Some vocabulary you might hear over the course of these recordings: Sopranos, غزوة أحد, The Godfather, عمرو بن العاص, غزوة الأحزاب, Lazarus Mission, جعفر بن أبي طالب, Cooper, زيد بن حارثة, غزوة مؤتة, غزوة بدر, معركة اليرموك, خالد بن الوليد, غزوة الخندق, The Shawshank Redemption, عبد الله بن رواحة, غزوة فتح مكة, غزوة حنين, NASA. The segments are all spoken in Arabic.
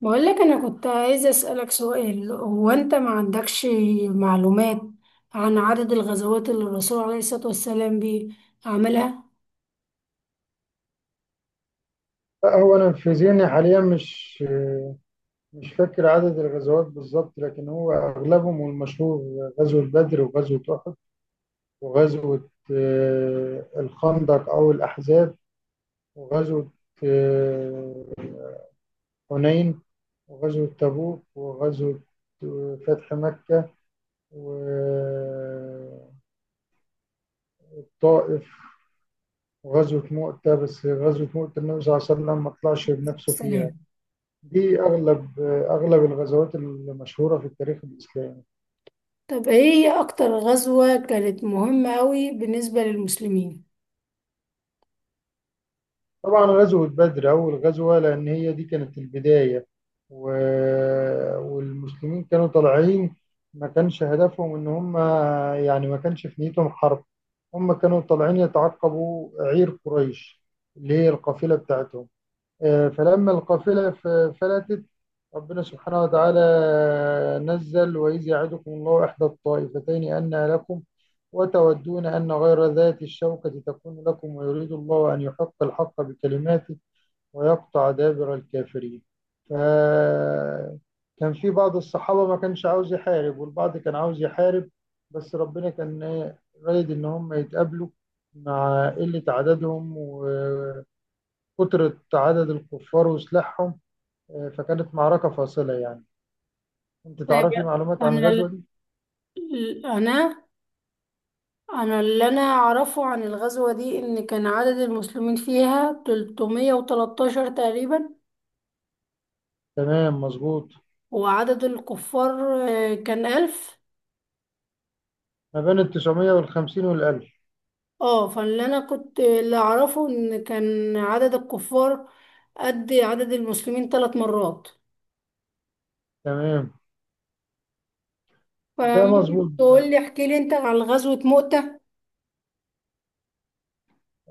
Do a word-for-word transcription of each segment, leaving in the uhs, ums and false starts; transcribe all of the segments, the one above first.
بقول لك انا كنت عايزه اسالك سؤال. هو انت ما عندكش معلومات عن عدد الغزوات اللي الرسول عليه الصلاه والسلام بي- عملها لا، هو انا في ذهني حاليا مش مش فاكر عدد الغزوات بالظبط، لكن هو اغلبهم والمشهور غزوة بدر وغزوة احد وغزوة آه، الخندق او الاحزاب، وغزوة آه، حنين، وغزوة تبوك، وغزوة آه، فتح مكة وطائف، وغزوة مؤتة. بس غزوة مؤتة النبي صلى الله عليه وسلم ما طلعش بنفسه فيها. السلام. دي اغلب آه، اغلب الغزوات المشهورة في التاريخ الاسلامي. طب ايه هي اكتر غزوه كانت مهمه قوي بالنسبه للمسلمين؟ طبعا غزوة بدر أول غزوة، لأن هي دي كانت البداية. و... والمسلمين كانوا طالعين، ما كانش هدفهم إن هم، يعني ما كانش في نيتهم حرب. هم كانوا طالعين يتعقبوا عير قريش اللي هي القافلة بتاعتهم. آه، فلما القافلة ف- فلتت، ربنا سبحانه وتعالى نزل: وإذ يعدكم الله إحدى الطائفتين أنها لكم، وتودون أن غير ذات الشوكة تكون لكم، ويريد الله أن يحق الحق بكلماته ويقطع دابر الكافرين. فكان في بعض الصحابة ما كانش عاوز يحارب، والبعض كان عاوز يحارب. بس ربنا كان إيه، رايد إن هم يتقابلوا مع قلة عددهم و كثرة عدد الكفار وسلاحهم. آه، فكانت معركة فاصلة يعني. أنت طيب، تعرفي معلومات عن انا الغزوة ال- دي؟ انا انا اللي انا اعرفه عن الغزوه دي ان كان عدد المسلمين فيها ثلاثمية وتلتاشر تقريبا، تمام، مظبوط. وعدد الكفار آه، كان ألف. ما بين التسعمية والخمسين والألف. اه، فاللي انا كنت اللي اعرفه ان كان عدد الكفار قد عدد المسلمين ثلاث مرات. تمام. ده فممكن مظبوط ده. تقول لي، احكي لي انت عن غزوة مؤتة.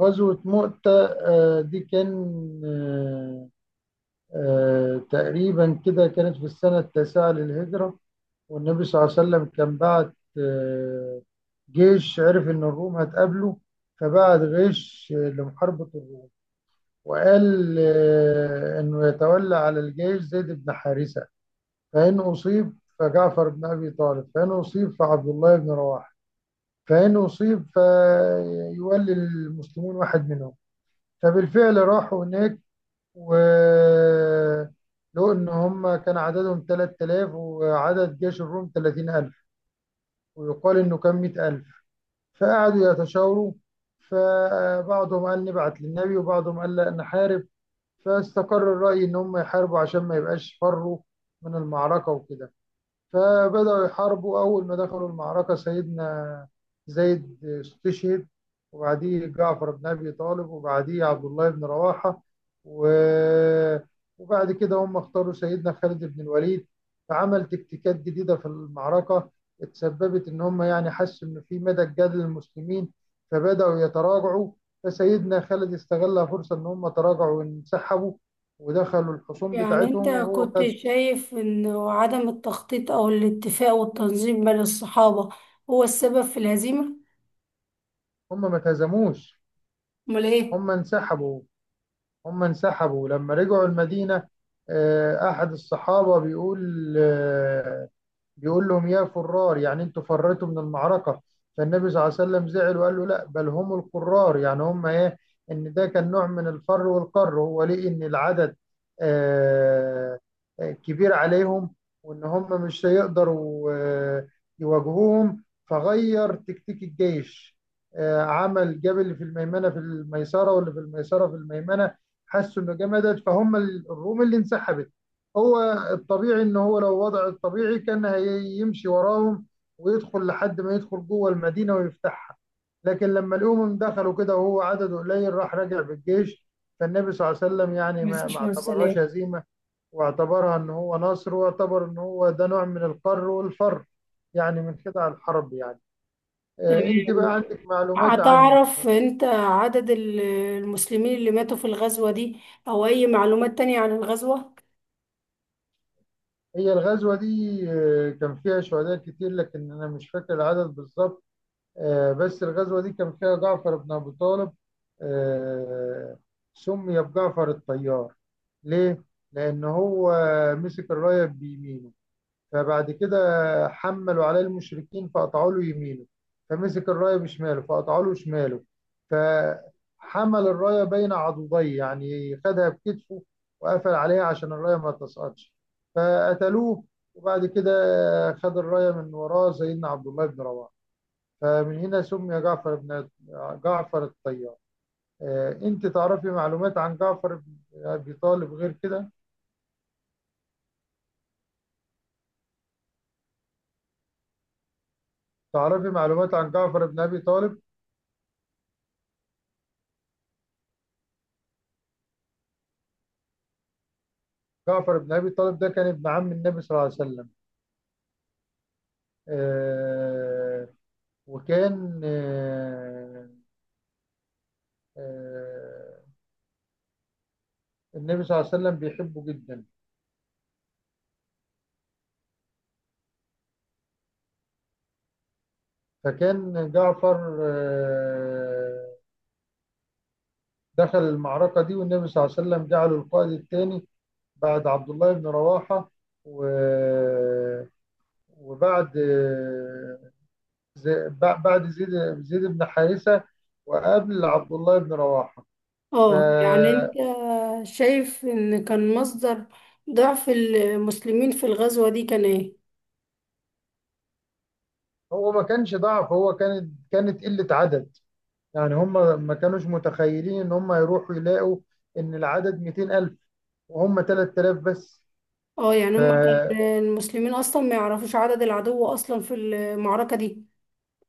غزوة مؤتة آه، دي كان، آه، آه، تقريبا كده كانت في السنة التاسعة للهجرة، والنبي صلى الله عليه وسلم كان بعت آه، جيش. عرف إن الروم هتقابله، فبعت غيش آه، لمحاربة الروم، وقال آه، انه يتولى على الجيش زيد بن حارثه، فان اصيب فجعفر بن ابي طالب، فان اصيب فعبد الله بن رواحه، فان اصيب فيولي المسلمون واحد منهم. فبالفعل راحوا هناك، و لو ان هم كان عددهم ثلاث آلاف وعدد جيش الروم ثلاثين ألف، ويقال انه كان مائة ألف. فقعدوا يتشاوروا، فبعضهم قال نبعت للنبي وبعضهم قال لا نحارب، فاستقر الرأي إن هم يحاربوا عشان ما يبقاش فروا من المعركة وكده. فبدأوا يحاربوا، أول ما دخلوا المعركة سيدنا زيد استشهد، وبعديه جعفر بن أبي طالب، وبعديه عبد الله بن رواحة. و- وبعد كده هم اختاروا سيدنا خالد بن الوليد، فعمل تكتيكات جديدة في المعركة اتسببت إن هم يعني حسوا إن في مدى الجدل للمسلمين، فبدأوا يتراجعوا. فسيدنا خالد استغل فرصة إن هم تراجعوا وانسحبوا ودخلوا الحصون يعني بتاعتهم، انت وهو كنت خد. شايف ان عدم التخطيط او الاتفاق والتنظيم بين الصحابة هو السبب في الهزيمة؟ هم ما تهزموش، امال ايه؟ هم انسحبوا. هم انسحبوا لما رجعوا المدينة. آه، أحد الصحابة بيقول آه، بيقول لهم يا فرار، يعني انتوا فريتوا من المعركة. فالنبي صلى الله عليه وسلم زعل وقال له لا، بل هم القرار، يعني هم ايه، ان ده كان نوع من الفر والقر. هو ليه؟ ان العدد آه، آه، كبير عليهم، وان هم مش هيقدروا آه، يواجهوهم. فغير تكتيك الجيش، آه، عمل جاب اللي في الميمنة في الميسرة واللي في الميسرة في الميمنة. حسوا انه جمدت، فهم الروم اللي انسحبت. هو الطبيعي ان هو لو وضع الطبيعي كان هيمشي وراهم ويدخل لحد ما يدخل جوه المدينه ويفتحها. لكن لما الامم دخلوا كده وهو عدد قليل، راح راجع بالجيش. فالنبي صلى الله عليه وسلم يعني ما ما مفيش من اعتبرهاش السلام. هزيمه، واعتبرها ان هو نصر، واعتبر ان هو ده نوع من القر والفر، يعني من خدع الحرب يعني. آه، انت تمام. بقى عندك معلومات عن هتعرف انت عدد ال- المسلمين اللي ماتوا في الغزوة دي او اي معلومات تانية عن الغزوة؟ هي الغزوه دي؟ آه، كان فيها شهداء كتير، لكن انا مش فاكر العدد بالظبط. آه، بس الغزوة دي كان فيها جعفر بن أبي طالب. آه، سمي بجعفر الطيار. ليه؟ لأن هو مسك الراية بيمينه، فبعد كده حملوا عليه المشركين فقطعوا له يمينه، فمسك الراية بشماله فقطعوا له شماله، فحمل الراية بين عضديه يعني خدها بكتفه وقفل عليها عشان الراية ما تسقطش، فقتلوه. وبعد كده خد الراية من وراه سيدنا عبد الله بن رواحة. فمن هنا سمي جعفر بن جعفر الطيار. آه، انت تعرفي معلومات عن جعفر بن ابي طالب غير كده؟ تعرفي معلومات عن جعفر بن ابي طالب؟ جعفر بن ابي طالب ده كان ابن عم النبي صلى الله عليه وسلم. آه، وكان آه، آه، النبي صلى الله عليه وسلم بيحبه جدا. فكان جعفر آه، دخل المعركة دي، والنبي صلى الله عليه وسلم جعله القائد الثاني بعد عبد الله بن رواحة، و... وبعد زي... بعد زيد زيد بن حارثة، وقبل عبد الله بن رواحة. اه، يعني انت فهو شايف ان كان مصدر ضعف المسلمين في الغزوة دي كان ايه؟ ما كانش ضعف، هو كانت كانت قلة عدد. يعني هم ما كانوش متخيلين ان هم يروحوا يلاقوا ان العدد ميتين ألف وهم ثلاث آلاف بس. اه، يعني ف... هم كان المسلمين اصلا ما يعرفوش عدد العدو اصلا في المعركة دي.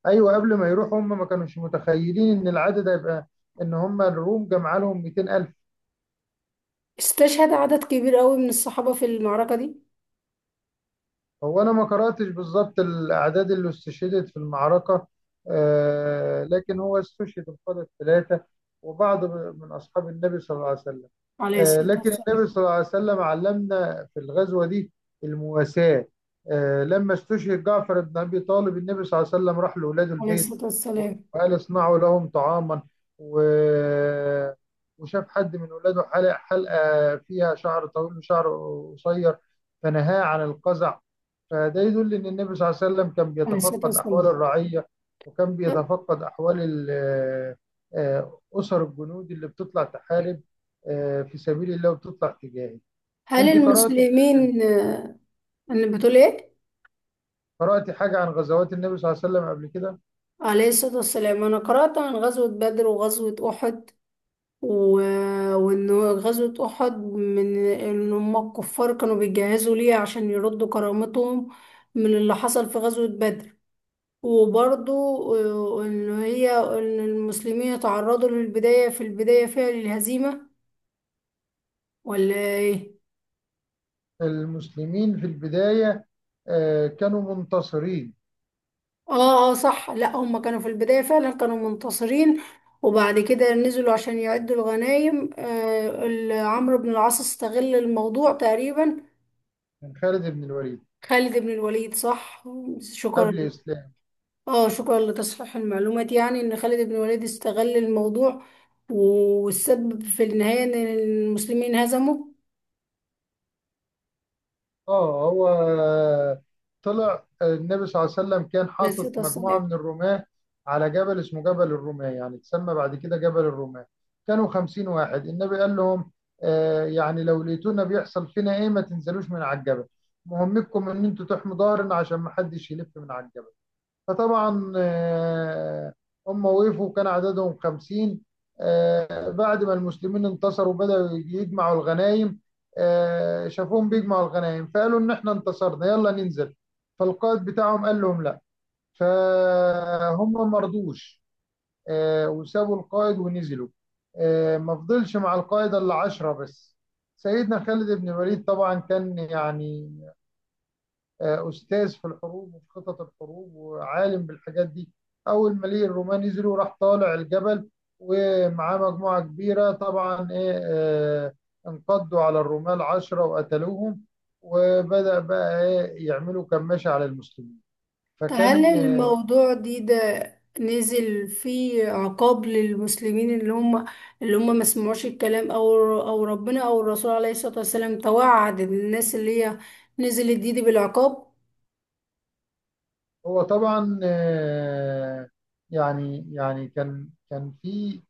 ايوه، قبل ما يروحوا هم ما كانوش متخيلين ان العدد هيبقى، ان هم الروم جمع لهم ميتين ألف. استشهد عدد كبير قوي من الصحابة في المعركة دي. هو أنا ما قرأتش بالظبط الأعداد اللي استشهدت في المعركة، آه، لكن هو استشهد القادة الثلاثة وبعض من أصحاب النبي صلى الله عليه وسلم. عليه آه، الصلاة لكن والسلام. النبي صلى الله عليه وسلم علمنا في الغزوة دي المواساة. آه، لما استشهد جعفر بن أبي طالب، النبي صلى الله عليه وسلم راح لأولاد عليه البيت الصلاة والسلام. وقال اصنعوا لهم طعاما. و- وشاف حد من ولاده حلق حلقة فيها شعر طويل وشعر قصير، فنهاه عن القزع. فده يدل ان النبي صلى الله عليه وسلم كان عليه الصلاة بيتفقد احوال والسلام. الرعيه، وكان طب بيتفقد احوال ال- آه، آه، اسر الجنود اللي بتطلع تحارب آه، في سبيل الله وبتطلع تجاهي. هل انت قرات، المسلمين آه، انا بتقول ايه؟ قرات حاجه عن غزوات النبي صلى الله عليه وسلم قبل كده؟ عليه الصلاة والسلام. انا قرأت عن غزوة بدر وغزوة احد، و... وان غزوة احد من ان هم الكفار كانوا بيجهزوا ليه عشان يردوا كرامتهم من اللي حصل في غزوة بدر. وبرضو آه، ان هي ان المسلمين اتعرضوا للبداية في البداية فيها للهزيمة، ولا ايه؟ المسلمين في البدايه آه، كانوا منتصرين. اه، اه، صح. لا هم كانوا في البداية فعلا كانوا منتصرين، وبعد كده نزلوا عشان يعدوا الغنايم. آه ال- عمرو بن العاص استغل الموضوع تقريبا. من خالد بن الوليد. خالد بن الوليد، صح. شكرا. قبل اسلام. اه، شكرا لتصحيح المعلومات. يعني ان خالد بن الوليد استغل الموضوع، و- والسبب في النهاية ان المسلمين هزموا. اه، هو طلع النبي صلى الله عليه وسلم كان حاطط لذة مجموعة الصلاة. من الرماة على جبل اسمه جبل الرماة، يعني اتسمى بعد كده جبل الرماة. كانوا خمسين واحد، النبي قال لهم آه، يعني لو لقيتونا بيحصل فينا ايه ما تنزلوش من على الجبل، مهمتكم ان انتوا تحموا ظهرنا عشان ما حدش يلف من على الجبل. فطبعا آه، هم وقفوا، كان عددهم خمسين. آه، بعد ما المسلمين انتصروا بدأوا يجمعوا الغنائم. آه، شافوهم بيجمعوا الغنائم، فقالوا إن إحنا انتصرنا يلا ننزل. فالقائد بتاعهم قال لهم لا، فهم ما رضوش. آه، وسابوا القائد ونزلوا. آه، ما فضلش مع القائد إلا عشرة بس. سيدنا خالد بن الوليد طبعا كان يعني آه، أستاذ في الحروب وفي خطط الحروب وعالم بالحاجات دي. أول ما ليه الرومان نزلوا راح طالع الجبل ومعاه مجموعة كبيرة طبعا، إيه، آه، انقضوا على الرمال عشرة وقتلوهم. وبدأ بقى إيه يعملوا كماشة على المسلمين. طب هل فكان آه، الموضوع دي ده نزل فيه عقاب للمسلمين اللي هم اللي هم ما سمعوش الكلام، او او ربنا او الرسول عليه الصلاة والسلام توعد الناس اللي هي نزلت دي, دي بالعقاب؟ هو طبعا آه، يعني يعني كان كان في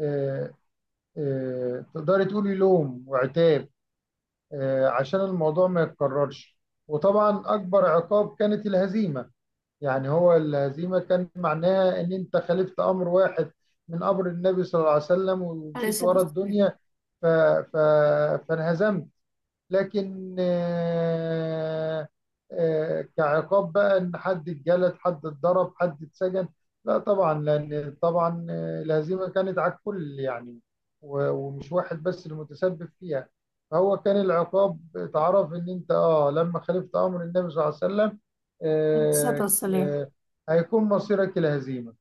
آه، آه، تقدري تقولي لوم وعتاب، آه، عشان الموضوع ما يتكررش. وطبعا أكبر عقاب كانت الهزيمة. يعني هو الهزيمة كان معناها إن أنت خالفت أمر واحد من أمر النبي صلى الله عليه وسلم عليه ومشيت الصلاة ورا والسلام. الدنيا، ف... ف... فانهزمت. لكن آه، آه، كعقاب بقى ان حد اتجلد حد اتضرب حد اتسجن، لا طبعا، لان طبعا آه، الهزيمه كانت على الكل يعني، و- ومش واحد بس المتسبب فيها. فهو كان العقاب اتعرف ان انت اه لما خالفت امر النبي صلى الله عليه وسلم عليه الصلاة آه، والسلام. آه، هيكون مصيرك الهزيمه.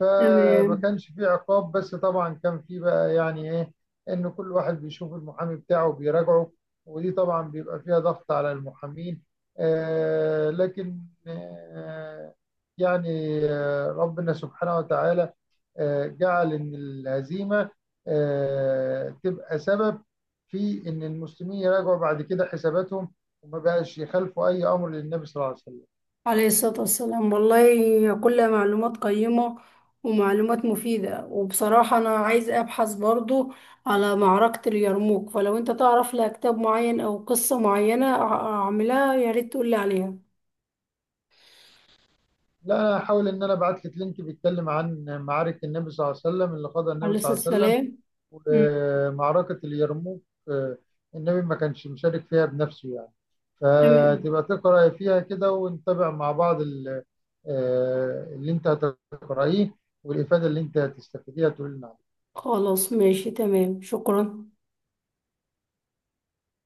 فما تمام. كانش في عقاب، بس طبعا كان في بقى يعني ايه، ان كل واحد بيشوف المحامي بتاعه بيراجعه. ودي طبعا بيبقى فيها ضغط على المحامين. آه، لكن آه، يعني آه، ربنا سبحانه وتعالى آه، جعل إن الهزيمة آه، تبقى سبب في إن المسلمين يراجعوا بعد كده حساباتهم، وما بقاش يخالفوا أي أمر للنبي صلى الله عليه وسلم. عليه الصلاة والسلام. والله كلها معلومات قيمة ومعلومات مفيدة، وبصراحة أنا عايزة أبحث برضو على معركة اليرموك، فلو أنت تعرف لها كتاب معين أو قصة معينة أع- أعملها يا ريت تقولي عليها. لا أنا هحاول إن أنا أبعت لك لينك بيتكلم عن معارك النبي صلى الله عليه وسلم اللي قادها عليه النبي صلى الصلاة الله عليه وسلم. والسلام. أمم، ومعركة اليرموك آه، النبي ما كانش مشارك فيها بنفسه يعني. تمام. فتبقى تقرأ فيها كده ونتابع مع بعض ال- آه، اللي انت هتقرأيه، والإفادة اللي انت هتستفيديها تقول لنا. خلاص ماشي تمام، شكرا.